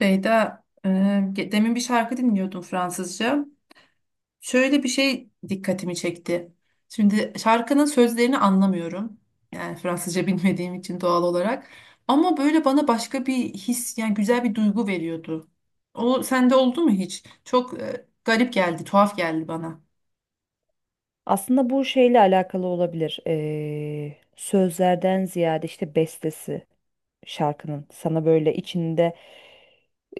Beyda, demin bir şarkı dinliyordum Fransızca. Şöyle bir şey dikkatimi çekti. Şimdi şarkının sözlerini anlamıyorum. Yani Fransızca bilmediğim için doğal olarak. Ama böyle bana başka bir his, yani güzel bir duygu veriyordu. O sende oldu mu hiç? Çok garip geldi, tuhaf geldi bana. Aslında bu şeyle alakalı olabilir. Sözlerden ziyade işte bestesi şarkının sana böyle içinde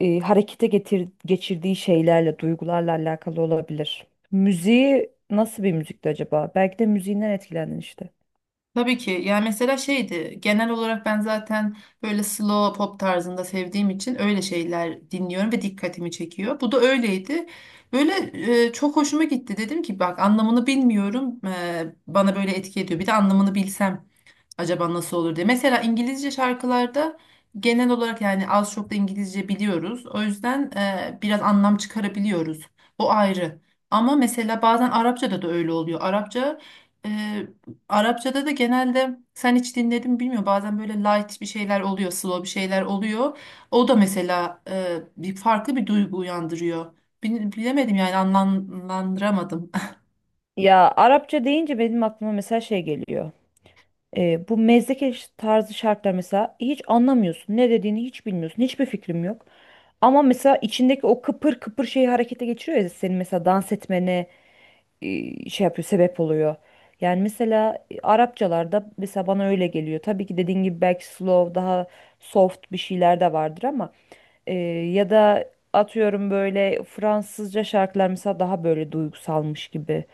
harekete geçirdiği şeylerle, duygularla alakalı olabilir. Müziği nasıl bir müzikti acaba? Belki de müziğinden etkilendin işte. Tabii ki. Yani mesela şeydi genel olarak ben zaten böyle slow pop tarzında sevdiğim için öyle şeyler dinliyorum ve dikkatimi çekiyor. Bu da öyleydi. Böyle çok hoşuma gitti. Dedim ki bak anlamını bilmiyorum. Bana böyle etki ediyor. Bir de anlamını bilsem acaba nasıl olur diye. Mesela İngilizce şarkılarda genel olarak yani az çok da İngilizce biliyoruz. O yüzden biraz anlam çıkarabiliyoruz. O ayrı. Ama mesela bazen Arapçada da öyle oluyor. E, Arapçada da genelde sen hiç dinledin mi bilmiyorum. Bazen böyle light bir şeyler oluyor, slow bir şeyler oluyor. O da mesela bir farklı bir duygu uyandırıyor. Bilemedim yani anlamlandıramadım. Ya, Arapça deyince benim aklıma mesela şey geliyor. Bu mezdeke tarzı şarkılar, mesela hiç anlamıyorsun. Ne dediğini hiç bilmiyorsun. Hiçbir fikrim yok. Ama mesela içindeki o kıpır kıpır şeyi harekete geçiriyor ya senin, mesela dans etmene şey yapıyor, sebep oluyor. Yani mesela Arapçalarda mesela bana öyle geliyor. Tabii ki dediğin gibi belki slow, daha soft bir şeyler de vardır ama ee, ya da atıyorum böyle Fransızca şarkılar mesela daha böyle duygusalmış gibi,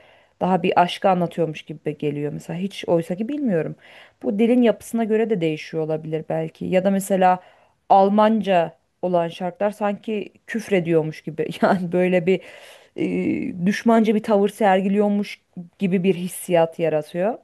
daha bir aşkı anlatıyormuş gibi geliyor mesela. Hiç, oysa ki bilmiyorum. Bu dilin yapısına göre de değişiyor olabilir belki. Ya da mesela Almanca olan şarkılar sanki küfrediyormuş gibi. Yani böyle bir düşmanca bir tavır sergiliyormuş gibi bir hissiyat yaratıyor.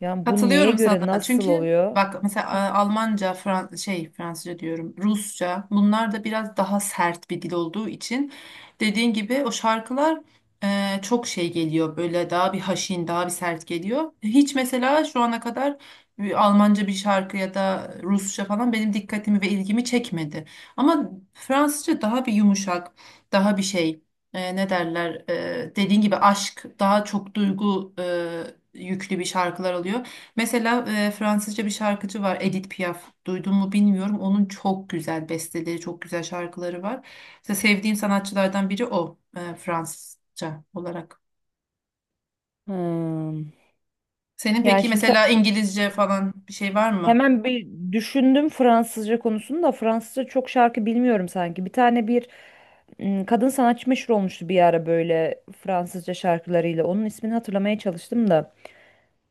Yani bu neye Katılıyorum göre sana. nasıl Çünkü oluyor? bak mesela Almanca, Fransızca diyorum, Rusça bunlar da biraz daha sert bir dil olduğu için dediğin gibi o şarkılar çok şey geliyor böyle daha bir haşin, daha bir sert geliyor. Hiç mesela şu ana kadar bir Almanca bir şarkı ya da Rusça falan benim dikkatimi ve ilgimi çekmedi. Ama Fransızca daha bir yumuşak, daha bir şey dediğin gibi aşk daha çok duygu yüklü bir şarkılar oluyor. Mesela Fransızca bir şarkıcı var Edith Piaf. Duydun mu bilmiyorum. Onun çok güzel besteleri, çok güzel şarkıları var. Mesela sevdiğim sanatçılardan biri o Fransızca olarak. Hmm. Senin Yani peki şimdi mesela İngilizce falan bir şey var mı? hemen bir düşündüm, Fransızca konusunu da Fransızca çok şarkı bilmiyorum sanki. Bir tane, bir kadın sanatçı meşhur olmuştu bir ara böyle Fransızca şarkılarıyla. Onun ismini hatırlamaya çalıştım da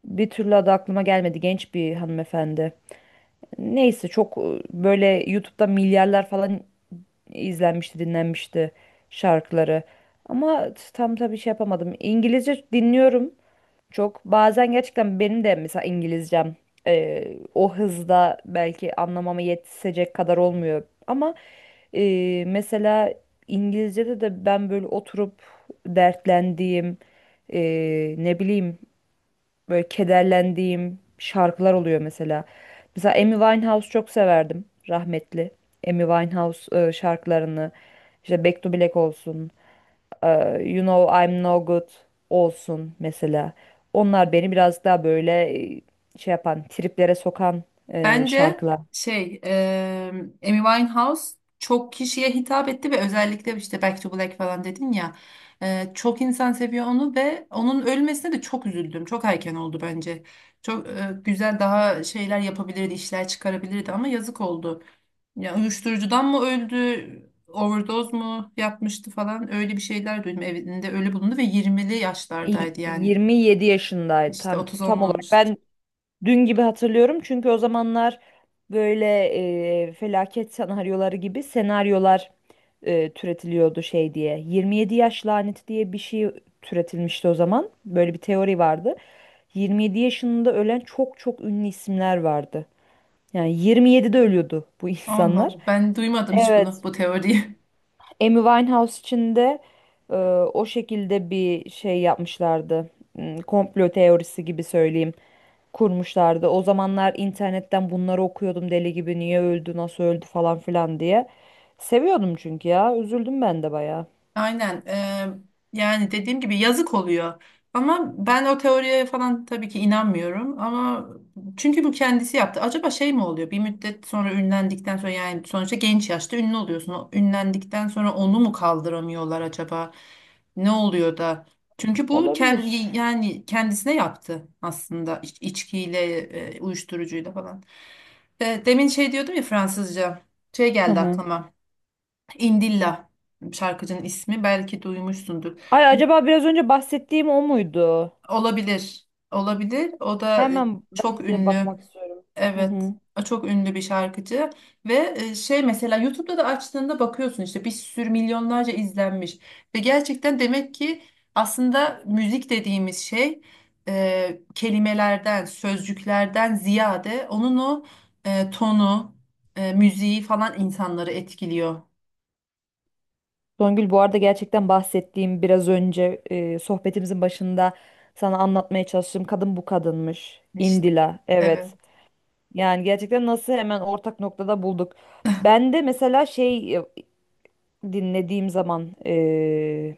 bir türlü adı aklıma gelmedi. Genç bir hanımefendi. Neyse, çok böyle YouTube'da milyarlar falan izlenmişti, dinlenmişti şarkıları. Ama tam, tabii şey yapamadım. İngilizce dinliyorum. Çok bazen gerçekten benim de mesela İngilizcem o hızda belki anlamama yetişecek kadar olmuyor. Ama mesela İngilizce'de de ben böyle oturup dertlendiğim, ne bileyim, böyle kederlendiğim şarkılar oluyor mesela. Mesela Amy Winehouse çok severdim, rahmetli. Amy Winehouse şarkılarını işte Back to Black olsun. You Know I'm No Good olsun mesela. Onlar beni biraz daha böyle e, şey yapan, triplere sokan Bence şarkılar. şey e, Amy Winehouse çok kişiye hitap etti ve özellikle işte Back to Black falan dedin ya çok insan seviyor onu ve onun ölmesine de çok üzüldüm. Çok erken oldu bence. Çok güzel daha şeyler yapabilirdi, işler çıkarabilirdi ama yazık oldu. Ya uyuşturucudan mı öldü, overdose mu yapmıştı falan öyle bir şeyler duydum. Evinde ölü bulundu ve 20'li yaşlardaydı yani. 27 yaşındaydı, İşte tam 30 tam olarak. olmamıştı. Ben dün gibi hatırlıyorum, çünkü o zamanlar böyle felaket senaryoları gibi senaryolar türetiliyordu şey diye. 27 yaş laneti diye bir şey türetilmişti o zaman. Böyle bir teori vardı. 27 yaşında ölen çok çok ünlü isimler vardı. Yani 27'de ölüyordu bu Allah insanlar. Allah ben duymadım hiç bunu Evet. bu teoriyi. Amy Winehouse için de e, o şekilde bir şey yapmışlardı. Komplo teorisi gibi söyleyeyim. Kurmuşlardı. O zamanlar internetten bunları okuyordum deli gibi. Niye öldü, nasıl öldü falan filan diye. Seviyordum çünkü ya. Üzüldüm ben de bayağı. Aynen. Yani dediğim gibi yazık oluyor. Ama ben o teoriye falan tabii ki inanmıyorum. Ama çünkü bu kendisi yaptı. Acaba şey mi oluyor? Bir müddet sonra ünlendikten sonra yani sonuçta genç yaşta ünlü oluyorsun. O ünlendikten sonra onu mu kaldıramıyorlar acaba? Ne oluyor da? Çünkü bu kendi Olabilir. yani kendisine yaptı aslında içkiyle, uyuşturucuyla falan. Demin şey diyordum ya Fransızca. Şey Hı geldi hı. aklıma. İndilla şarkıcının ismi belki duymuşsundur. Ay, acaba biraz önce bahsettiğim o muydu? Olabilir. Olabilir. O da Hemen çok ben de ünlü. bakmak istiyorum. Hı Evet. hı. O çok ünlü bir şarkıcı ve mesela YouTube'da da açtığında bakıyorsun işte bir sürü milyonlarca izlenmiş ve gerçekten demek ki aslında müzik dediğimiz şey kelimelerden, sözcüklerden ziyade onun o tonu, müziği falan insanları etkiliyor. Songül, bu arada gerçekten bahsettiğim biraz önce, sohbetimizin başında sana anlatmaya çalıştığım kadın bu kadınmış. İşte Indila, evet. evet. Yani gerçekten nasıl hemen ortak noktada bulduk. Ben de mesela şey, dinlediğim zaman, e,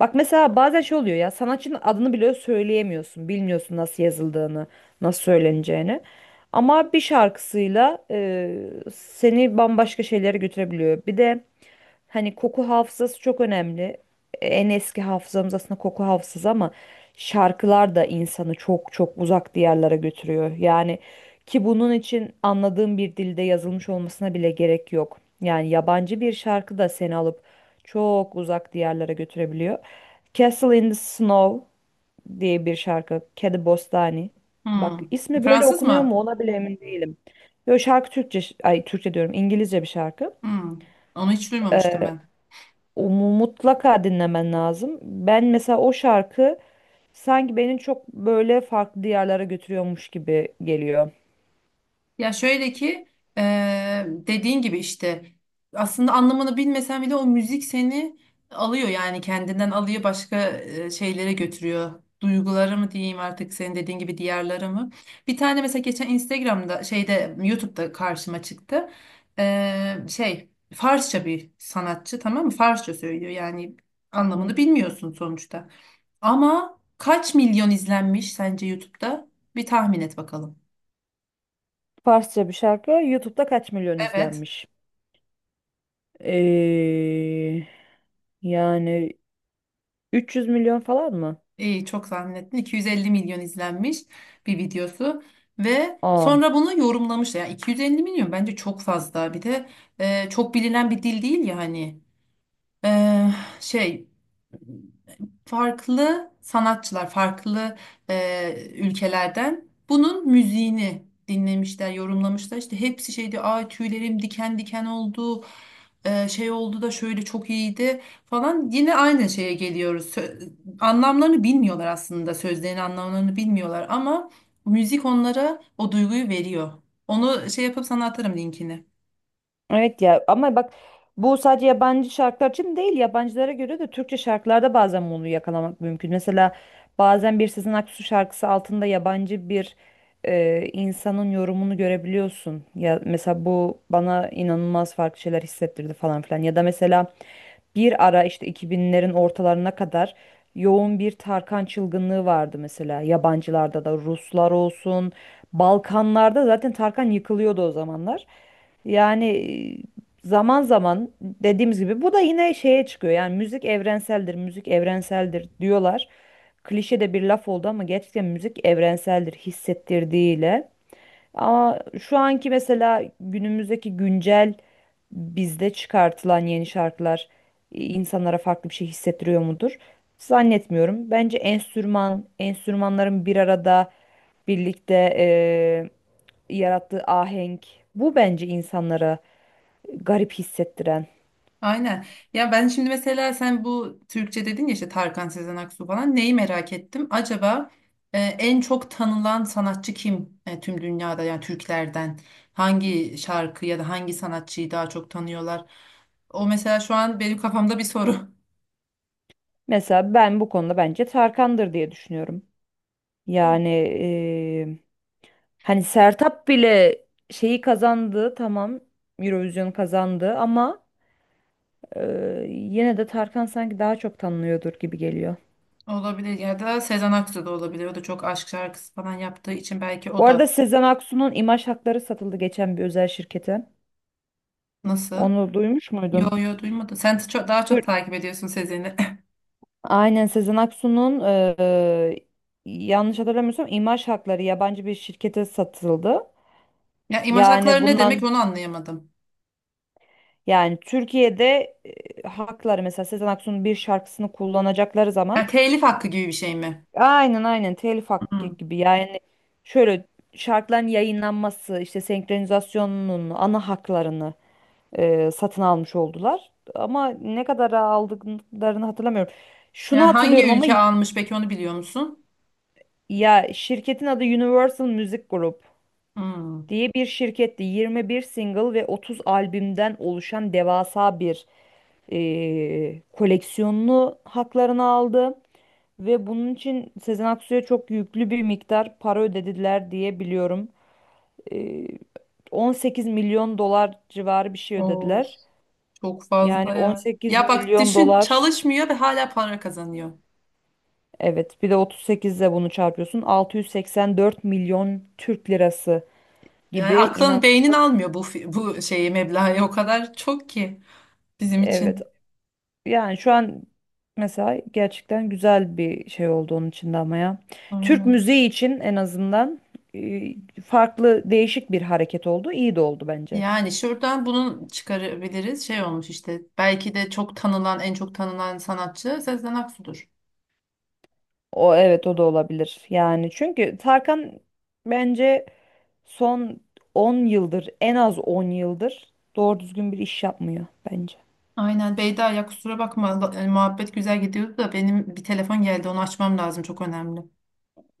Bak mesela, bazen şey oluyor ya, sanatçının adını bile söyleyemiyorsun. Bilmiyorsun nasıl yazıldığını, nasıl söyleneceğini. Ama bir şarkısıyla seni bambaşka şeylere götürebiliyor. Bir de hani koku hafızası çok önemli. En eski hafızamız aslında koku hafızası ama şarkılar da insanı çok çok uzak diyarlara götürüyor. Yani ki bunun için anladığım bir dilde yazılmış olmasına bile gerek yok. Yani yabancı bir şarkı da seni alıp çok uzak diyarlara götürebiliyor. Castle in the Snow diye bir şarkı. Kedi Bostani. Bak, Hmm. ismi böyle Fransız okunuyor mı? mu ona bile emin değilim. Yo, şarkı Türkçe, ay Türkçe diyorum, İngilizce bir şarkı. Hmm. Onu hiç duymamıştım ben. O mutlaka dinlemen lazım. Ben mesela o şarkı sanki beni çok böyle farklı diyarlara götürüyormuş gibi geliyor. Ya şöyle ki dediğin gibi işte aslında anlamını bilmesen bile o müzik seni alıyor yani kendinden alıyor başka şeylere götürüyor. Duyguları mı diyeyim artık senin dediğin gibi diğerleri mı? Bir tane mesela geçen Instagram'da şeyde YouTube'da karşıma çıktı. Farsça bir sanatçı tamam mı? Farsça söylüyor yani Hı. anlamını bilmiyorsun sonuçta. Ama kaç milyon izlenmiş sence YouTube'da? Bir tahmin et bakalım. Farsça bir şarkı. YouTube'da kaç milyon Evet. izlenmiş? Ee, Yani 300 milyon falan mı? İyi çok tahmin ettin. 250 milyon izlenmiş bir videosu ve Aa. sonra bunu yorumlamış. Yani 250 milyon bence çok fazla. Bir de çok bilinen bir dil değil ya hani. E, şey Farklı sanatçılar, farklı ülkelerden bunun müziğini dinlemişler, yorumlamışlar. İşte hepsi şeydi, ay tüylerim diken diken oldu, şey oldu da şöyle çok iyiydi falan. Yine aynı şeye geliyoruz. Anlamlarını bilmiyorlar aslında, sözlerin anlamlarını bilmiyorlar ama müzik onlara o duyguyu veriyor. Onu şey yapıp sana atarım linkini. Evet ya, ama bak, bu sadece yabancı şarkılar için değil, yabancılara göre de Türkçe şarkılarda bazen bunu yakalamak mümkün. Mesela bazen bir Sezen Aksu şarkısı altında yabancı bir insanın yorumunu görebiliyorsun. Ya mesela bu bana inanılmaz farklı şeyler hissettirdi, falan filan. Ya da mesela bir ara, işte 2000'lerin ortalarına kadar yoğun bir Tarkan çılgınlığı vardı mesela, yabancılarda da. Ruslar olsun, Balkanlarda zaten Tarkan yıkılıyordu o zamanlar. Yani zaman zaman dediğimiz gibi, bu da yine şeye çıkıyor. Yani müzik evrenseldir, müzik evrenseldir diyorlar. Klişe de bir laf oldu ama gerçekten müzik evrenseldir, hissettirdiğiyle. Ama şu anki mesela, günümüzdeki güncel bizde çıkartılan yeni şarkılar insanlara farklı bir şey hissettiriyor mudur? Zannetmiyorum. Bence enstrümanların bir arada, birlikte yarattığı ahenk, bu bence insanlara garip hissettiren. Aynen. Ya ben şimdi mesela sen bu Türkçe dedin ya işte Tarkan Sezen Aksu falan neyi merak ettim. Acaba en çok tanınan sanatçı kim, tüm dünyada yani Türklerden? Hangi şarkı ya da hangi sanatçıyı daha çok tanıyorlar? O mesela şu an benim kafamda bir soru. Mesela ben bu konuda bence Tarkan'dır diye düşünüyorum. Yani e, hani Sertab bile şeyi kazandı, tamam, Eurovision kazandı ama yine de Tarkan sanki daha çok tanınıyordur gibi geliyor. Olabilir, ya da Sezen Aksu da olabilir. O da çok aşk şarkısı falan yaptığı için belki Bu o da. arada Sezen Aksu'nun imaj hakları satıldı geçen bir özel şirkete. Nasıl? Onu duymuş Yo muydun? yo, duymadım. Sen çok, daha çok Tür- takip ediyorsun Sezen'i. Aynen, Sezen Aksu'nun yanlış hatırlamıyorsam imaj hakları yabancı bir şirkete satıldı. Ya imaj Yani hakları ne demek, bundan, onu anlayamadım. yani Türkiye'de hakları mesela Sezen Aksu'nun bir şarkısını kullanacakları zaman... Ya telif hakkı gibi bir şey mi? Aynen aynen, telif hakkı Hı. gibi yani. Şöyle, şarkıların yayınlanması, işte senkronizasyonunun ana haklarını satın almış oldular ama ne kadara aldıklarını hatırlamıyorum. Şunu Yani hangi hatırlıyorum ama ülke almış peki, onu biliyor musun? ya, şirketin adı Universal Music Group Hmm. diye bir şirketti. 21 single ve 30 albümden oluşan devasa bir koleksiyonunu, haklarını aldı. Ve bunun için Sezen Aksu'ya çok yüklü bir miktar para ödediler diye biliyorum. Ee, 18 milyon dolar civarı bir şey Of, ödediler. çok Yani fazla ya. 18 Ya bak milyon düşün, dolar, çalışmıyor ve hala para kazanıyor. evet, bir de 38 ile bunu çarpıyorsun, 684 milyon Türk lirası Yani gibi, aklın beynin inanılmaz. almıyor bu bu şeyi, meblağı o kadar çok ki bizim Evet, için. yani şu an mesela gerçekten güzel bir şey oldu onun için de, ama ya. Türk Aynen. müziği için en azından e, farklı, değişik bir hareket oldu. İyi de oldu bence. Yani şuradan bunu çıkarabiliriz. Şey olmuş işte, belki de çok tanınan en çok tanınan sanatçı Sezen Aksu'dur. O, evet, o da olabilir. Yani çünkü Tarkan bence son 10 yıldır, en az 10 yıldır doğru düzgün bir iş yapmıyor bence. Aynen Beyda, ya kusura bakma, muhabbet güzel gidiyordu da benim bir telefon geldi, onu açmam lazım, çok önemli.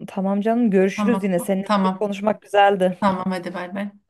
Tamam canım, görüşürüz Tamam, yine. Seninle müzik tamam, konuşmak güzeldi. tamam, hadi bay bay.